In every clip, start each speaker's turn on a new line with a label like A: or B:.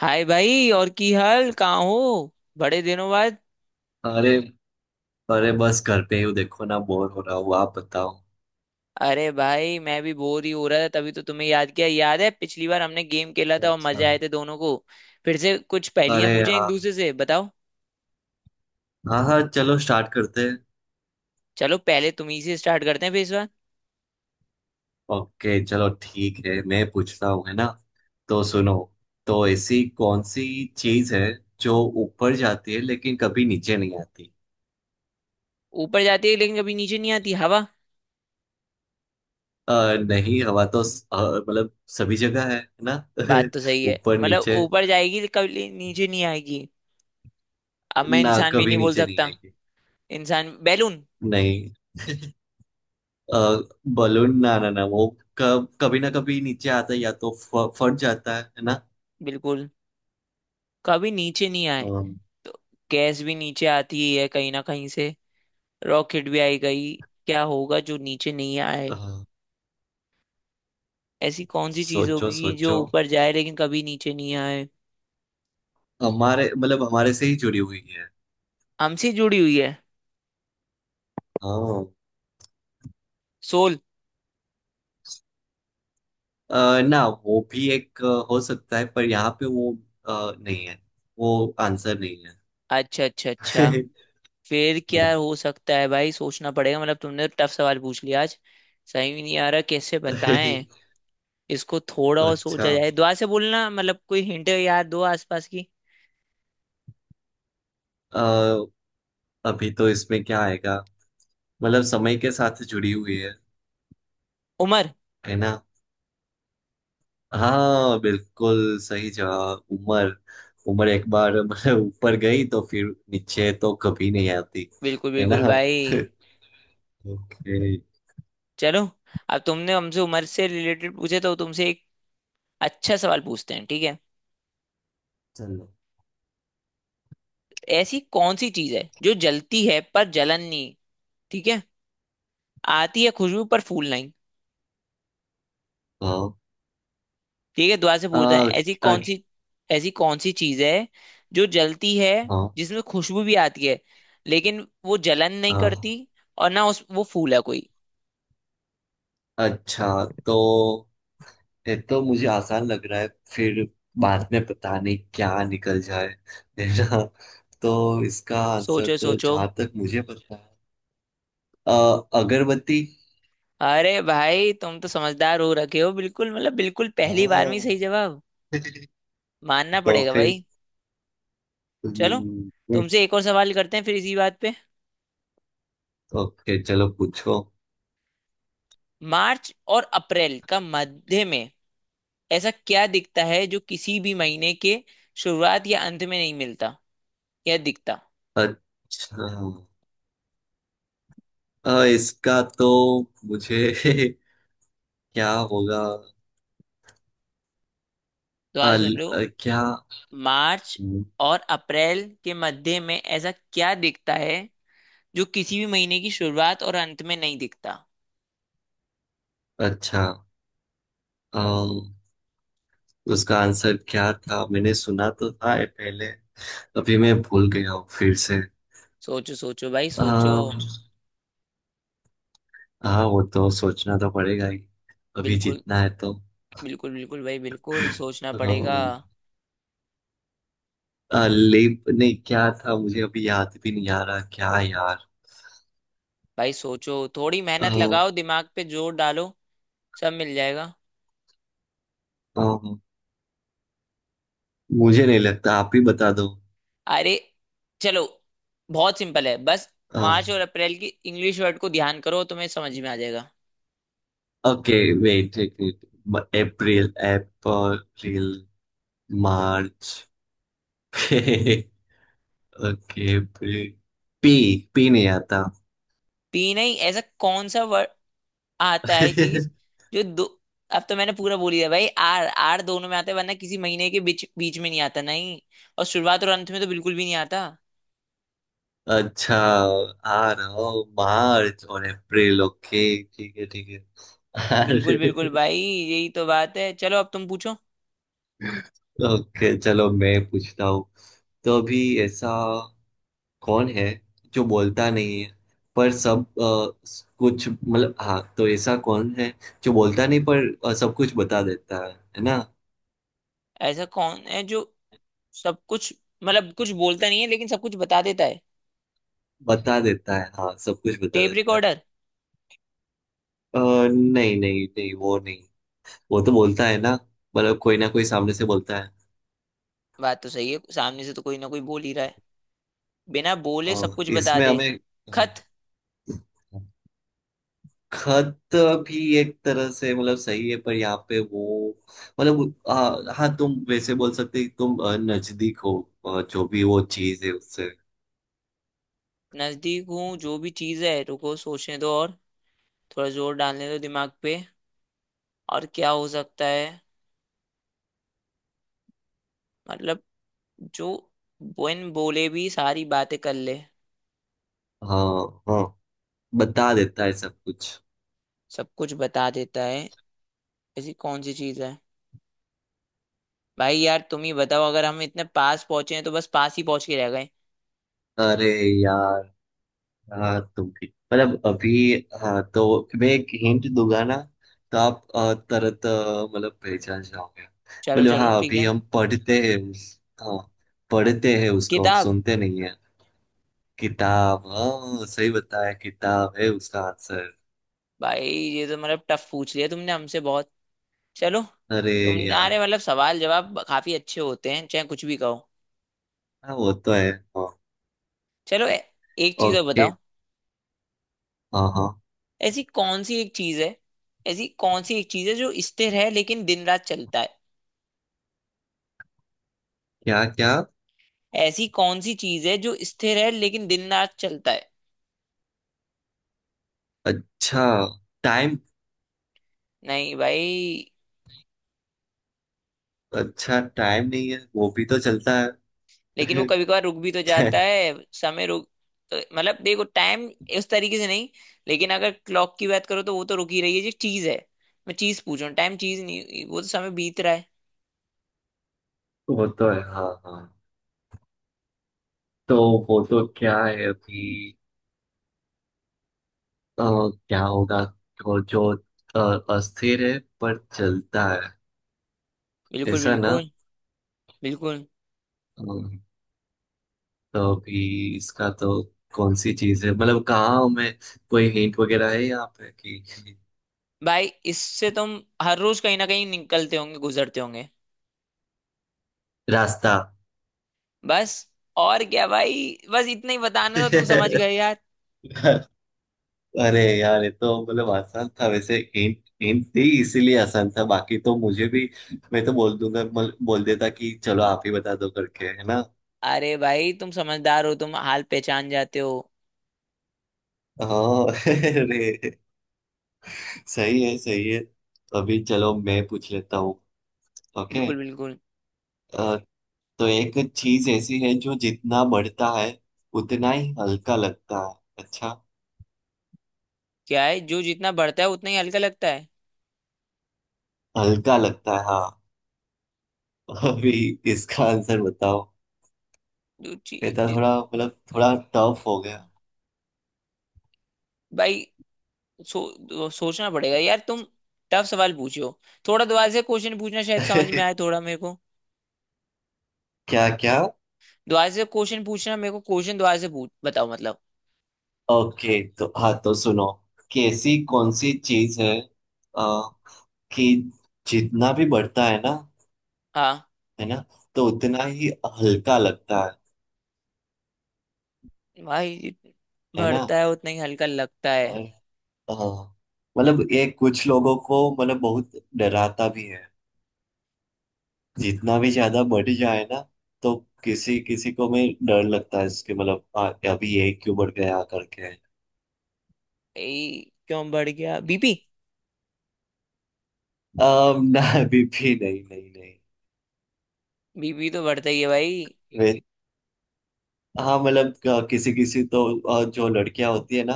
A: हाय भाई, और की हाल, कहाँ हो बड़े दिनों बाद?
B: अरे अरे, बस घर पे ही हूँ। देखो ना, बोर हो रहा हूँ। आप बताओ।
A: अरे भाई, मैं भी बोर ही हो रहा था, तभी तो तुम्हें याद किया। याद है पिछली बार हमने गेम खेला था और
B: अच्छा।
A: मजे आए थे दोनों को। फिर से कुछ पहेलियां
B: अरे
A: पूछें एक
B: हाँ।
A: दूसरे से, बताओ।
B: हाँ हाँ, चलो स्टार्ट करते हैं।
A: चलो पहले तुम ही से स्टार्ट करते हैं फिर इस बार।
B: ओके, चलो ठीक है, मैं पूछता हूँ है ना। तो सुनो। तो ऐसी कौन सी चीज है जो ऊपर जाती है लेकिन कभी नीचे नहीं आती।
A: ऊपर जाती है लेकिन कभी नीचे नहीं आती, हवा।
B: अ, नहीं, हवा तो मतलब सभी जगह है ना।
A: बात तो सही है,
B: ऊपर
A: मतलब
B: नीचे।
A: ऊपर जाएगी लेकिन कभी नीचे नहीं आएगी। अब मैं
B: ना
A: इंसान भी
B: कभी
A: नहीं बोल
B: नीचे नहीं
A: सकता।
B: आएगी।
A: इंसान बैलून।
B: नहीं। बलून, ना ना ना, वो कब कभी ना कभी नीचे आता है, या तो फट जाता है ना।
A: बिल्कुल। कभी नीचे नहीं आए
B: अम,
A: तो गैस भी नीचे आती ही है कहीं ना कहीं से। रॉकेट भी आई गई। क्या होगा जो नीचे नहीं आए?
B: अ,
A: ऐसी कौन सी चीज
B: सोचो
A: होगी जो
B: सोचो।
A: ऊपर जाए लेकिन कभी नीचे नहीं आए?
B: हमारे मतलब हमारे से ही जुड़ी हुई है।
A: हमसे जुड़ी हुई है।
B: हाँ।
A: सोल।
B: ना, वो भी एक हो सकता है, पर यहाँ पे वो नहीं है। वो आंसर नहीं है।
A: अच्छा अच्छा अच्छा। फिर क्या
B: हाँ।
A: हो सकता है भाई, सोचना पड़ेगा। मतलब तुमने टफ सवाल पूछ लिया आज। सही भी नहीं आ रहा, कैसे बताएं। इसको थोड़ा और
B: अच्छा।
A: सोचा जाए, दुआ से बोलना मतलब कोई हिंट याद दो आसपास की।
B: अ, अभी तो इसमें क्या आएगा। मतलब समय के साथ जुड़ी हुई है
A: उम्र।
B: है ना। हाँ, बिल्कुल सही जवाब, उम्र। उम्र एक बार मतलब ऊपर गई, तो फिर नीचे तो कभी नहीं आती,
A: बिल्कुल
B: है ना।
A: बिल्कुल भाई।
B: ओके।
A: चलो अब तुमने हमसे उम्र से रिलेटेड पूछे, तो तुमसे एक अच्छा सवाल पूछते हैं, ठीक है।
B: चलो।
A: ऐसी कौन सी चीज है जो जलती है पर जलन नहीं। ठीक है। आती है खुशबू पर फूल नहीं।
B: हाँ।
A: ठीक है, दोबारा से पूछते हैं।
B: आ,
A: ऐसी
B: आ,
A: कौन सी, ऐसी कौन सी चीज है जो जलती है,
B: हाँ
A: जिसमें खुशबू भी आती है लेकिन वो जलन नहीं
B: हाँ।
A: करती, और ना उस वो फूल है कोई।
B: अच्छा। तो ये तो मुझे आसान लग रहा है। फिर बाद में पता नहीं क्या निकल जाए, है ना। तो इसका आंसर
A: सोचो
B: तो
A: सोचो।
B: जहां तक मुझे पता है, अ, अगरबत्ती।
A: अरे भाई तुम तो समझदार हो रखे हो, बिल्कुल मतलब बिल्कुल पहली बार में ही सही
B: हाँ।
A: जवाब। मानना
B: तो
A: पड़ेगा
B: फिर
A: भाई। चलो
B: हम्म,
A: तुमसे एक और सवाल करते हैं फिर इसी बात पे।
B: ओके चलो पूछो।
A: मार्च और अप्रैल का मध्य में ऐसा क्या दिखता है जो किसी भी महीने के शुरुआत या अंत में नहीं मिलता या दिखता?
B: अच्छा। इसका तो मुझे क्या होगा।
A: दोबारा
B: अल
A: सुन लो।
B: क्या।
A: मार्च
B: हम्म,
A: और अप्रैल के मध्य में ऐसा क्या दिखता है जो किसी भी महीने की शुरुआत और अंत में नहीं दिखता?
B: अच्छा। अम, उसका आंसर क्या था, मैंने सुना तो था ये पहले। अभी मैं भूल गया हूँ फिर से।
A: सोचो सोचो भाई सोचो।
B: अम, हाँ, वो तो सोचना तो पड़ेगा ही। अभी
A: बिल्कुल
B: जीतना है तो।
A: बिल्कुल बिल्कुल भाई, बिल्कुल सोचना पड़ेगा।
B: अम, लेप नहीं क्या था, मुझे अभी याद भी नहीं आ रहा क्या यार।
A: भाई सोचो, थोड़ी
B: अ,
A: मेहनत लगाओ, दिमाग पे जोर डालो। सब मिल जाएगा।
B: अ, मुझे नहीं लगता, आप ही बता दो।
A: अरे चलो, बहुत सिंपल है बस। मार्च और अप्रैल की इंग्लिश वर्ड को ध्यान करो, तुम्हें समझ में आ जाएगा।
B: ओके, वेट एक minute. April April, March. Okay. April. P. P नहीं आता।
A: पी नहीं, ऐसा कौन सा वर्ड आता है, चीज जो दो। अब तो मैंने पूरा बोल ही दिया भाई, आर आर दोनों में आता है, वरना किसी महीने के बीच बीच में नहीं आता, नहीं। और शुरुआत और अंत में तो बिल्कुल भी नहीं आता।
B: अच्छा, आ रहा हूँ, मार्च और अप्रैल। ओके ठीक है ठीक है।
A: बिल्कुल बिल्कुल
B: अरे।
A: भाई, यही तो बात है। चलो अब तुम पूछो।
B: ओके, चलो मैं पूछता हूँ। तो अभी, ऐसा कौन है जो बोलता नहीं है पर सब कुछ, मतलब, हाँ, तो ऐसा कौन है जो बोलता नहीं पर सब कुछ बता देता है ना।
A: ऐसा कौन है जो सब कुछ मतलब कुछ बोलता नहीं है लेकिन सब कुछ बता देता है?
B: बता देता है, हाँ, सब कुछ बता
A: टेप
B: देता है।
A: रिकॉर्डर।
B: अ, नहीं नहीं नहीं, वो नहीं। वो तो बोलता है ना। मतलब कोई ना कोई सामने से बोलता है।
A: बात तो सही है, सामने से तो कोई ना कोई बोल ही रहा है। बिना बोले सब कुछ बता
B: इसमें
A: दे।
B: हमें हाँ,
A: खत।
B: खत भी एक तरह से मतलब सही है, पर यहाँ पे वो। मतलब हाँ, तुम वैसे बोल सकते हो कि तुम नजदीक हो। जो भी वो चीज है उससे।
A: नजदीक हूँ? जो भी चीज है, रुको सोचने दो। और थोड़ा जोर डालने दो दिमाग पे। और क्या हो सकता है? मतलब जो बिन बोले भी सारी बातें कर ले,
B: हाँ हाँ। बता देता है सब कुछ।
A: सब कुछ बता देता है। ऐसी कौन सी चीज है? भाई यार तुम ही बताओ, अगर हम इतने पास पहुंचे हैं तो बस पास ही पहुंच के रह गए।
B: अरे यार, हाँ तुम भी, मतलब अभी, हाँ तो मैं एक हिंट दूंगा ना। तो आप तरत मतलब पहचान जाओगे।
A: चलो
B: मतलब
A: चलो
B: हाँ,
A: ठीक
B: अभी
A: है।
B: हम पढ़ते हैं उस, हाँ, पढ़ते हैं उसको,
A: किताब।
B: सुनते नहीं है। किताब, हाँ सही बताया, किताब है उसका आंसर।
A: भाई ये तो मतलब टफ पूछ लिया तुमने हमसे बहुत। चलो,
B: अरे
A: तुम्हारे
B: यार,
A: मतलब सवाल जवाब काफी अच्छे होते हैं, चाहे कुछ भी कहो।
B: हाँ वो तो है, हाँ।
A: चलो एक चीज और
B: ओके,
A: बताओ।
B: हाँ हाँ।
A: ऐसी कौन सी एक चीज है, ऐसी कौन सी एक चीज है जो स्थिर है लेकिन दिन रात चलता है?
B: क्या क्या।
A: ऐसी कौन सी चीज है जो स्थिर है लेकिन दिन रात चलता है?
B: अच्छा, टाइम।
A: नहीं भाई।
B: अच्छा, टाइम नहीं है, वो भी तो चलता है।
A: लेकिन वो कभी कभार रुक भी तो जाता है। समय रुक, तो मतलब देखो टाइम इस तरीके से नहीं। लेकिन अगर क्लॉक की बात करो तो वो तो रुक ही रही है जो चीज है। मैं चीज पूछ रहा हूँ, टाइम चीज नहीं, वो तो समय बीत रहा है।
B: वो तो है, हाँ हाँ। तो वो तो क्या है अभी, अ, क्या होगा वो जो अ, अस्थिर है पर चलता है,
A: बिल्कुल
B: ऐसा ना।
A: बिल्कुल। बिल्कुल
B: अ, तो अभी इसका तो, कौन सी चीज है, मतलब कहाँ हमें, कोई हिंट वगैरह है यहाँ पे कि,
A: भाई, इससे तुम हर रोज कहीं ना कहीं निकलते होंगे, गुजरते होंगे।
B: रास्ता।
A: बस। और क्या भाई, बस इतना ही बताना था, तुम समझ गए यार।
B: अरे यार, ये तो मतलब आसान था। वैसे हिंट हिंट थी इसीलिए आसान था, बाकी तो मुझे भी, मैं तो बोल दूंगा, बोल देता कि चलो आप ही बता दो करके, है ना।
A: अरे भाई तुम समझदार हो, तुम हाल पहचान जाते हो।
B: हाँ। अरे, सही है सही है, तो अभी चलो मैं पूछ लेता हूँ। ओके।
A: बिल्कुल बिल्कुल।
B: अ, तो एक चीज ऐसी है जो जितना बढ़ता है उतना ही हल्का लगता है। अच्छा,
A: क्या है जो जितना बढ़ता है उतना ही हल्का लगता है?
B: हल्का लगता है, हाँ। अभी इसका आंसर बताओ।
A: जो ची-
B: ये तो
A: जि,
B: थोड़ा मतलब थोड़ा टफ हो गया।
A: भाई सोचना पड़ेगा यार, तुम टफ सवाल पूछो। थोड़ा दोबारा से क्वेश्चन पूछना, शायद समझ में आए थोड़ा मेरे को।
B: क्या क्या।
A: दोबारा से क्वेश्चन पूछना मेरे को, क्वेश्चन दोबारा से पूछ, बताओ मतलब।
B: ओके, तो हाँ तो सुनो, कि ऐसी कौन सी चीज है, आ, कि जितना भी बढ़ता है ना,
A: हाँ।
B: है ना, तो उतना ही हल्का लगता है
A: भाई जित-
B: है ना।
A: बढ़ता है उतना ही हल्का लगता है।
B: और हाँ, मतलब ये कुछ लोगों को, मतलब, बहुत डराता भी है। जितना भी ज्यादा बढ़ जाए ना, तो किसी किसी को में डर लगता है इसके, मतलब अभी ये क्यों बढ़ गया करके।
A: क्यों बढ़ गया, बीपी?
B: ना, अभी भी नहीं नहीं
A: बीपी तो बढ़ता ही है भाई।
B: नहीं। हाँ, मतलब किसी किसी तो, जो लड़कियां होती है ना,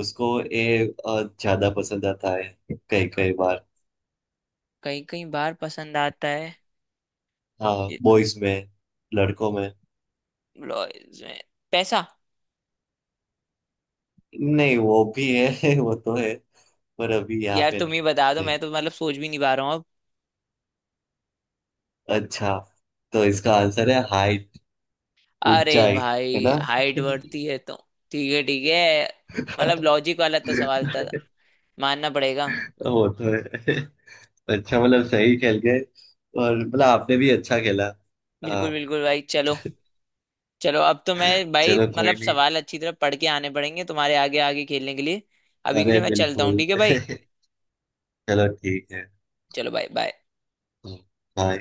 B: उसको ये ज्यादा पसंद आता है कई कई बार।
A: कई कई बार पसंद आता है।
B: हाँ,
A: ये
B: बॉयज में, लड़कों में।
A: ब्लाउज में पैसा।
B: नहीं, वो भी है। वो तो है, पर अभी यहाँ
A: यार
B: पे
A: तुम
B: नहीं।
A: ही बता दो,
B: नहीं।
A: मैं तो मतलब सोच भी नहीं पा रहा हूँ अब।
B: अच्छा, तो इसका आंसर है हाइट।
A: अरे
B: ऊंचाई, है
A: भाई
B: ना।
A: हाइट बढ़ती है तो। ठीक है ठीक है। मतलब लॉजिक वाला तो सवाल था, मानना पड़ेगा।
B: वो तो है। अच्छा, मतलब सही खेल गए, और मतलब आपने भी अच्छा खेला।
A: बिल्कुल
B: हाँ।
A: बिल्कुल भाई चलो। चलो अब तो मैं भाई,
B: चलो, कोई
A: मतलब
B: नहीं।
A: सवाल अच्छी तरह पढ़ के आने पड़ेंगे तुम्हारे आगे, आगे खेलने के लिए। अभी के
B: अरे
A: लिए मैं चलता हूँ,
B: बिल्कुल।
A: ठीक है भाई।
B: चलो ठीक है।
A: चलो भाई बाय।
B: हाँ।